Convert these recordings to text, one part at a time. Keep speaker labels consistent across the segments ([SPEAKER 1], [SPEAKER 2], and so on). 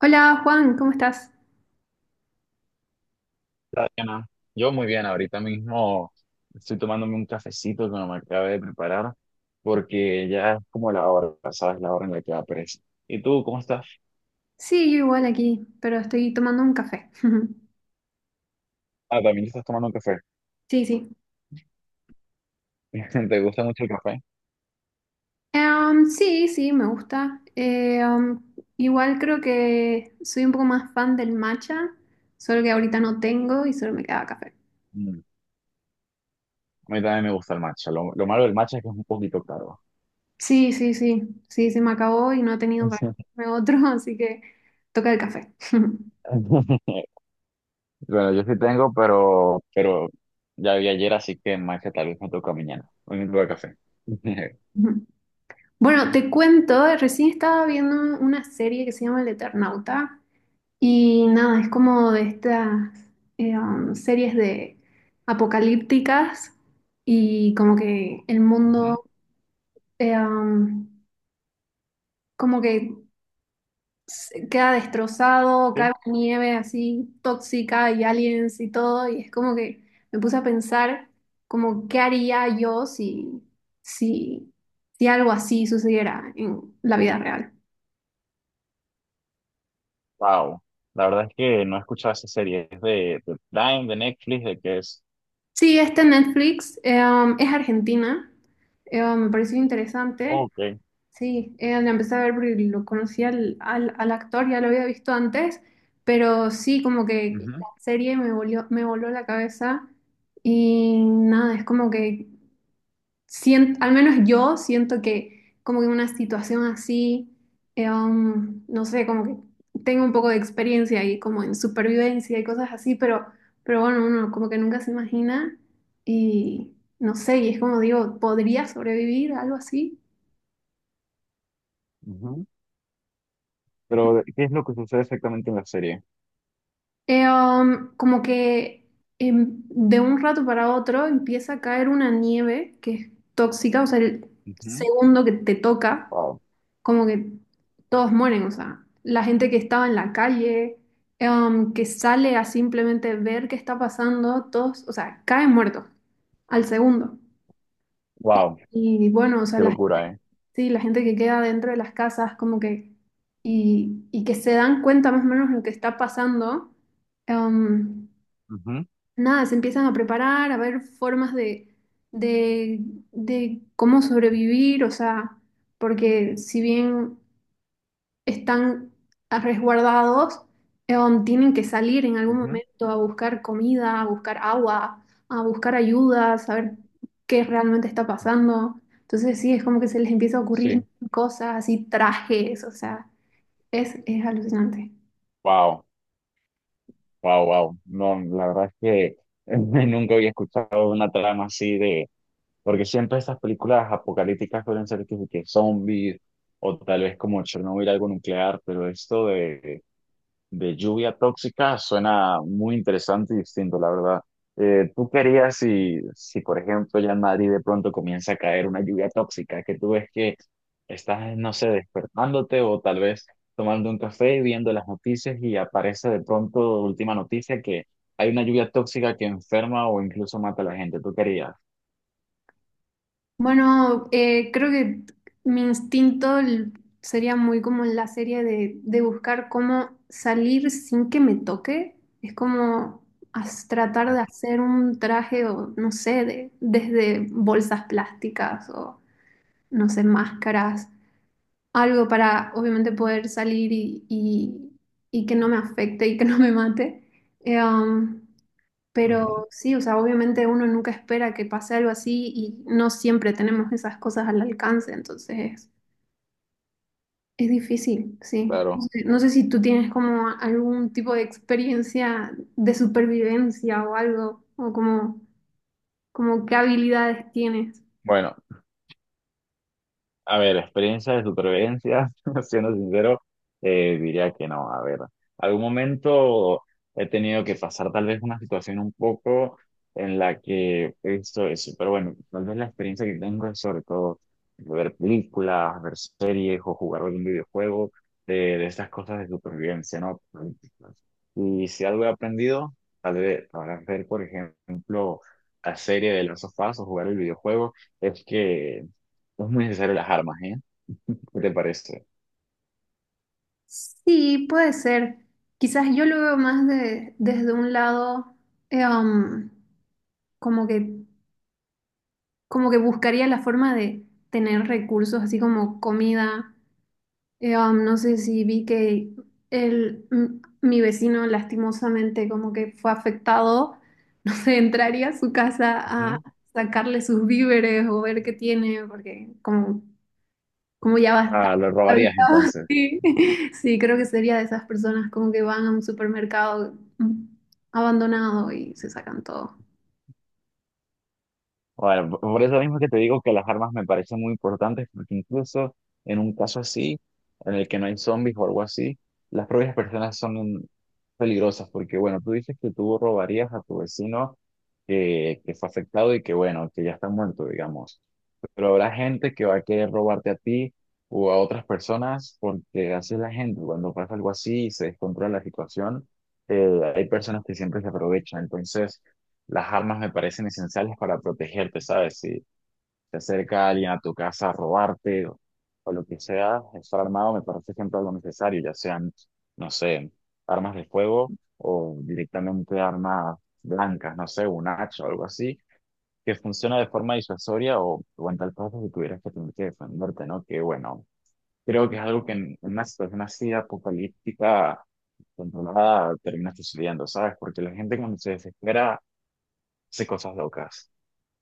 [SPEAKER 1] Hola Juan, ¿cómo estás?
[SPEAKER 2] Hola, Diana. Yo muy bien, ahorita mismo estoy tomándome un cafecito que me acabé de preparar porque ya es como la hora, ¿sabes? La hora en la que da pereza. ¿Y tú cómo estás?
[SPEAKER 1] Sí, yo igual aquí, pero estoy tomando un café.
[SPEAKER 2] Ah, también estás tomando un café.
[SPEAKER 1] Sí, sí.
[SPEAKER 2] ¿Te gusta mucho el café?
[SPEAKER 1] Sí, sí, me gusta. Igual creo que soy un poco más fan del matcha, solo que ahorita no tengo y solo me queda café.
[SPEAKER 2] Mm, A mí también me gusta el matcha. Lo malo del matcha es que es un poquito caro.
[SPEAKER 1] Sí, sí, sí, sí, se me acabó y no he tenido para comprarme otro, así que toca el café.
[SPEAKER 2] Bueno, yo sí tengo, pero ya vi ayer, así que matcha tal vez me toca mañana. Hoy me toca café.
[SPEAKER 1] Bueno, te cuento, recién estaba viendo una serie que se llama El Eternauta. Y nada, es como de estas series de apocalípticas y como que el
[SPEAKER 2] Ujú.
[SPEAKER 1] mundo eh, um, como que se queda destrozado,
[SPEAKER 2] Sí.
[SPEAKER 1] cae una nieve así tóxica y aliens y todo, y es como que me puse a pensar como qué haría yo si, si algo así sucediera en la vida real.
[SPEAKER 2] Wow, la verdad es que no he escuchado esa serie. Es de Prime, de Netflix, de que es.
[SPEAKER 1] Sí, este Netflix, es argentina. Me pareció interesante.
[SPEAKER 2] Ok.
[SPEAKER 1] Sí, la empecé a ver porque lo conocí al actor, ya lo había visto antes, pero sí, como que
[SPEAKER 2] Ujú,
[SPEAKER 1] la serie me volvió, me voló la cabeza y nada, es como que al menos yo siento que como que una situación así, no sé, como que tengo un poco de experiencia ahí como en supervivencia y cosas así, pero bueno, uno como que nunca se imagina y no sé, y es como digo, ¿podría sobrevivir a algo así?
[SPEAKER 2] ujú. Pero, ¿qué es lo que sucede exactamente en la serie?
[SPEAKER 1] Como que de un rato para otro empieza a caer una nieve que es tóxica, o sea, el
[SPEAKER 2] Ujú.
[SPEAKER 1] segundo que te toca,
[SPEAKER 2] Wow,
[SPEAKER 1] como que todos mueren, o sea, la gente que estaba en la calle, que sale a simplemente ver qué está pasando, todos, o sea, caen muertos al segundo.
[SPEAKER 2] wow,
[SPEAKER 1] Y bueno,
[SPEAKER 2] qué locura, ¿eh?
[SPEAKER 1] sí, la gente que queda dentro de las casas, como que, y que se dan cuenta más o menos lo que está pasando. em,
[SPEAKER 2] Ujú,
[SPEAKER 1] Nada, se empiezan a preparar, a ver formas de, de cómo sobrevivir, o sea, porque si bien están resguardados, tienen que salir en algún
[SPEAKER 2] ujú.
[SPEAKER 1] momento a buscar comida, a buscar agua, a buscar ayuda, a saber qué realmente está pasando. Entonces sí, es como que se les empieza a ocurrir
[SPEAKER 2] Sí,
[SPEAKER 1] cosas y trajes, o sea, es alucinante.
[SPEAKER 2] wow. Wow, wow. No, la verdad es que nunca había escuchado una trama así de, porque siempre estas películas apocalípticas suelen ser que zombies o tal vez como Chernobyl, algo nuclear, pero esto de lluvia tóxica suena muy interesante y distinto, la verdad. ¿Tú querías si, por ejemplo, ya en Madrid de pronto comienza a caer una lluvia tóxica, que tú ves que estás, no sé, despertándote o tal vez tomando un café, viendo las noticias y aparece de pronto última noticia que hay una lluvia tóxica que enferma o incluso mata a la gente. ¿Tú querías?
[SPEAKER 1] Bueno, creo que mi instinto sería muy como en la serie de buscar cómo salir sin que me toque. Es como tratar de hacer un traje o no sé, desde bolsas plásticas o no sé, máscaras, algo para obviamente poder salir y que no me afecte y que no me mate. Eh, um,
[SPEAKER 2] Ujú.
[SPEAKER 1] pero sí, o sea, obviamente uno nunca espera que pase algo así y no siempre tenemos esas cosas al alcance, entonces es difícil, sí. No
[SPEAKER 2] Claro.
[SPEAKER 1] sé, no sé si tú tienes como algún tipo de experiencia de supervivencia o algo, como qué habilidades tienes.
[SPEAKER 2] Bueno, a ver, experiencia de supervivencia, siendo sincero, diría que no. A ver, algún momento he tenido que pasar tal vez una situación un poco en la que he visto eso, pero bueno, tal vez la experiencia que tengo es sobre todo ver películas, ver series o jugar algún videojuego de estas cosas de supervivencia, ¿no? Y si algo he aprendido, tal vez para ver, por ejemplo, la serie de las of Us o jugar el videojuego, es que no es muy necesario las armas, ¿eh? ¿Qué te parece?
[SPEAKER 1] Sí, puede ser. Quizás yo lo veo más desde un lado, eh, um, como que, como que buscaría la forma de tener recursos, así como comida. No sé si vi que mi vecino lastimosamente como que fue afectado, no sé, entraría a su casa a
[SPEAKER 2] Ujú.
[SPEAKER 1] sacarle sus víveres o ver qué tiene, porque como ya basta.
[SPEAKER 2] Ah, lo robarías entonces.
[SPEAKER 1] Sí, sí, creo que sería de esas personas como que van a un supermercado, abandonado, y se sacan todo.
[SPEAKER 2] Bueno, por eso mismo que te digo que las armas me parecen muy importantes, porque incluso en un caso así, en el que no hay zombies o algo así, las propias personas son peligrosas, porque bueno, tú dices que tú robarías a tu vecino que fue afectado y que bueno, que ya está muerto, digamos. Pero habrá gente que va a querer robarte a ti o a otras personas porque hace la gente. Cuando pasa algo así y se descontrola la situación, hay personas que siempre se aprovechan. Entonces, las armas me parecen esenciales para protegerte, ¿sabes? Si se acerca alguien a tu casa a robarte o lo que sea, estar armado me parece siempre algo necesario, ya sean, no sé, armas de fuego o directamente armas blancas, no sé, un hacha o algo así que funciona de forma disuasoria o en tal caso si tuvieras que tener que defenderte, ¿no? Que bueno, creo que es algo que en una situación así apocalíptica controlada termina sucediendo, ¿sabes? Porque la gente cuando se desespera hace cosas locas.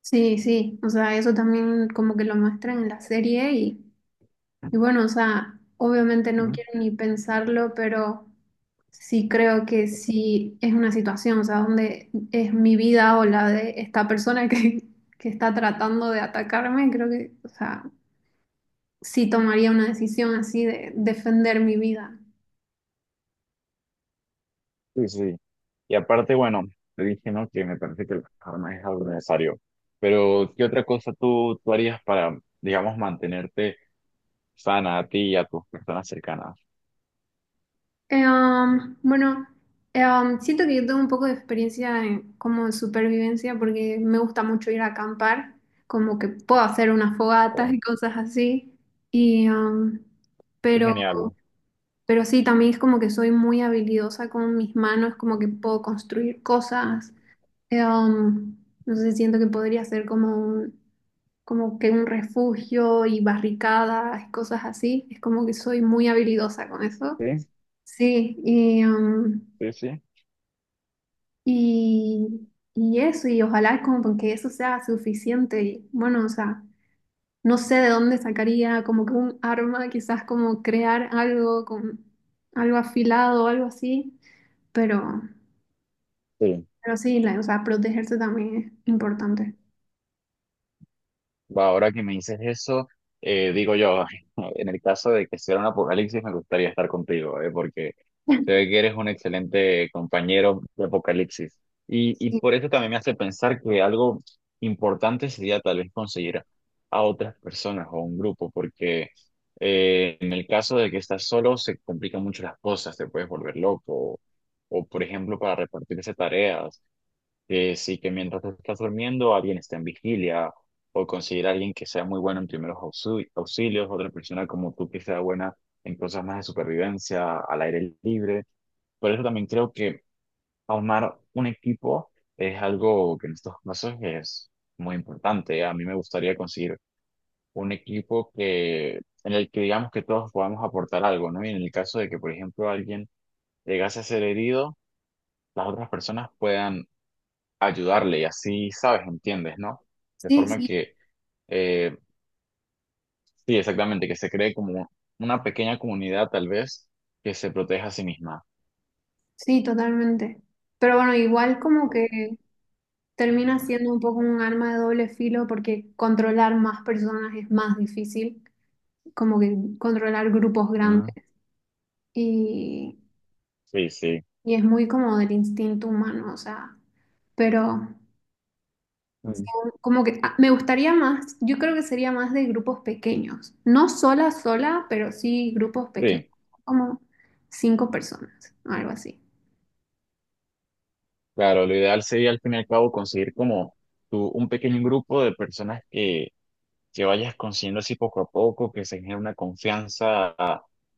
[SPEAKER 1] Sí, sí, o sea, eso también como que lo muestran en la serie. Y bueno, o sea, obviamente no
[SPEAKER 2] ¿No?
[SPEAKER 1] quiero ni pensarlo, pero sí creo que sí es una situación, o sea, donde es mi vida o la de esta persona que está tratando de atacarme, creo que, o sea, sí tomaría una decisión así de defender mi vida.
[SPEAKER 2] Sí, sí. Y aparte, bueno, te dije, ¿no? Que me parece que las armas es algo necesario. Pero, ¿qué otra cosa tú harías para, digamos, mantenerte sana a ti y a tus personas cercanas?
[SPEAKER 1] Bueno, siento que yo tengo un poco de experiencia en, como en supervivencia porque me gusta mucho ir a acampar, como que puedo hacer unas fogatas
[SPEAKER 2] Oh,
[SPEAKER 1] y cosas así. Y,
[SPEAKER 2] qué
[SPEAKER 1] pero
[SPEAKER 2] genial.
[SPEAKER 1] Pero sí, también es como que soy muy habilidosa con mis manos, como que puedo construir cosas. Eh, um, no sé, siento que podría ser como que un refugio y barricadas, cosas así. Es como que soy muy habilidosa con eso.
[SPEAKER 2] Sí,
[SPEAKER 1] Sí,
[SPEAKER 2] sí, sí.
[SPEAKER 1] y, y eso, y ojalá como que eso sea suficiente. Y bueno, o sea, no sé de dónde sacaría como que un arma, quizás como crear algo con algo afilado o algo así. Pero,
[SPEAKER 2] Sí.
[SPEAKER 1] pero sí, o sea, protegerse también es importante.
[SPEAKER 2] Va, ahora que me dices eso, digo yo, en el caso de que sea un apocalipsis, me gustaría estar contigo, porque se ve que eres un excelente compañero de apocalipsis. Y
[SPEAKER 1] Sí,
[SPEAKER 2] por eso también me hace pensar que algo importante sería tal vez conseguir a otras personas o a un grupo, porque en el caso de que estás solo, se complican mucho las cosas, te puedes volver loco, o, por ejemplo, para repartirse tareas que sí, que mientras tú estás durmiendo, alguien está en vigilia, o conseguir a alguien que sea muy bueno en primeros auxilios, otra persona como tú que sea buena en cosas más de supervivencia, al aire libre. Por eso también creo que armar un equipo es algo que en estos casos es muy importante. A mí me gustaría conseguir un equipo que, en el que digamos que todos podamos aportar algo, ¿no? Y en el caso de que, por ejemplo, alguien llegase a ser herido, las otras personas puedan ayudarle y así, ¿sabes? ¿Entiendes, no? De
[SPEAKER 1] sí,
[SPEAKER 2] forma
[SPEAKER 1] sí,
[SPEAKER 2] que, eh, sí, exactamente, que se cree como una pequeña comunidad tal vez que se proteja a sí misma.
[SPEAKER 1] sí, totalmente. Pero bueno, igual como que termina siendo un poco un arma de doble filo porque controlar más personas es más difícil, como que controlar grupos grandes
[SPEAKER 2] Mm.
[SPEAKER 1] y,
[SPEAKER 2] Sí, sí.
[SPEAKER 1] y es muy como del instinto humano, o sea, pero,
[SPEAKER 2] Mm.
[SPEAKER 1] como que ah, me gustaría más, yo creo que sería más de grupos pequeños, no sola, sola, pero sí grupos pequeños,
[SPEAKER 2] Sí,
[SPEAKER 1] como cinco personas, o algo así.
[SPEAKER 2] claro, lo ideal sería al fin y al cabo conseguir como tú, un pequeño grupo de personas que vayas consiguiendo así poco a poco, que se genere una confianza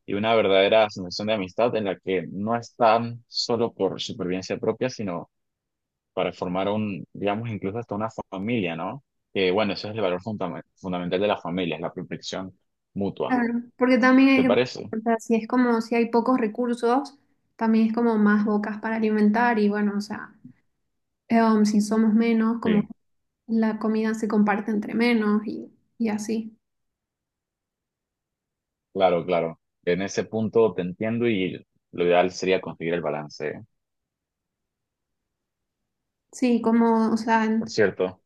[SPEAKER 2] y una verdadera sensación de amistad en la que no están solo por supervivencia propia, sino para formar un, digamos, incluso hasta una familia, ¿no? Que bueno, ese es el valor fundamental de la familia, es la protección mutua.
[SPEAKER 1] Claro, porque también hay
[SPEAKER 2] ¿Te
[SPEAKER 1] que
[SPEAKER 2] parece?
[SPEAKER 1] pensar, si es como si hay pocos recursos, también es como más bocas para alimentar y bueno, o sea, si somos menos, como
[SPEAKER 2] Sí,
[SPEAKER 1] la comida se comparte entre menos y así.
[SPEAKER 2] claro, claro. En ese punto te entiendo y lo ideal sería conseguir el balance. ¿Eh?
[SPEAKER 1] Sí, como, o sea,
[SPEAKER 2] Por cierto,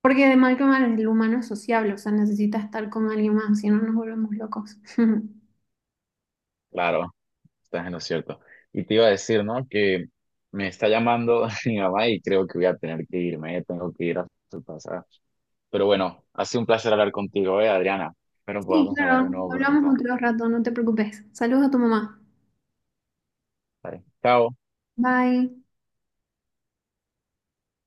[SPEAKER 1] porque de mal que mal el humano es sociable, o sea, necesita estar con alguien más, si no nos volvemos locos.
[SPEAKER 2] claro, estás en lo cierto. Y te iba a decir, ¿no? Que me está llamando mi mamá y creo que voy a tener que irme, ¿eh? Tengo que ir a su casa. Pero bueno, ha sido un placer hablar contigo, ¿eh, Adriana? Espero
[SPEAKER 1] Sí,
[SPEAKER 2] podamos hablar
[SPEAKER 1] claro,
[SPEAKER 2] de nuevo
[SPEAKER 1] hablamos
[SPEAKER 2] pronto.
[SPEAKER 1] otro rato, no te preocupes. Saludos a tu mamá.
[SPEAKER 2] Vale. Chao.
[SPEAKER 1] Bye.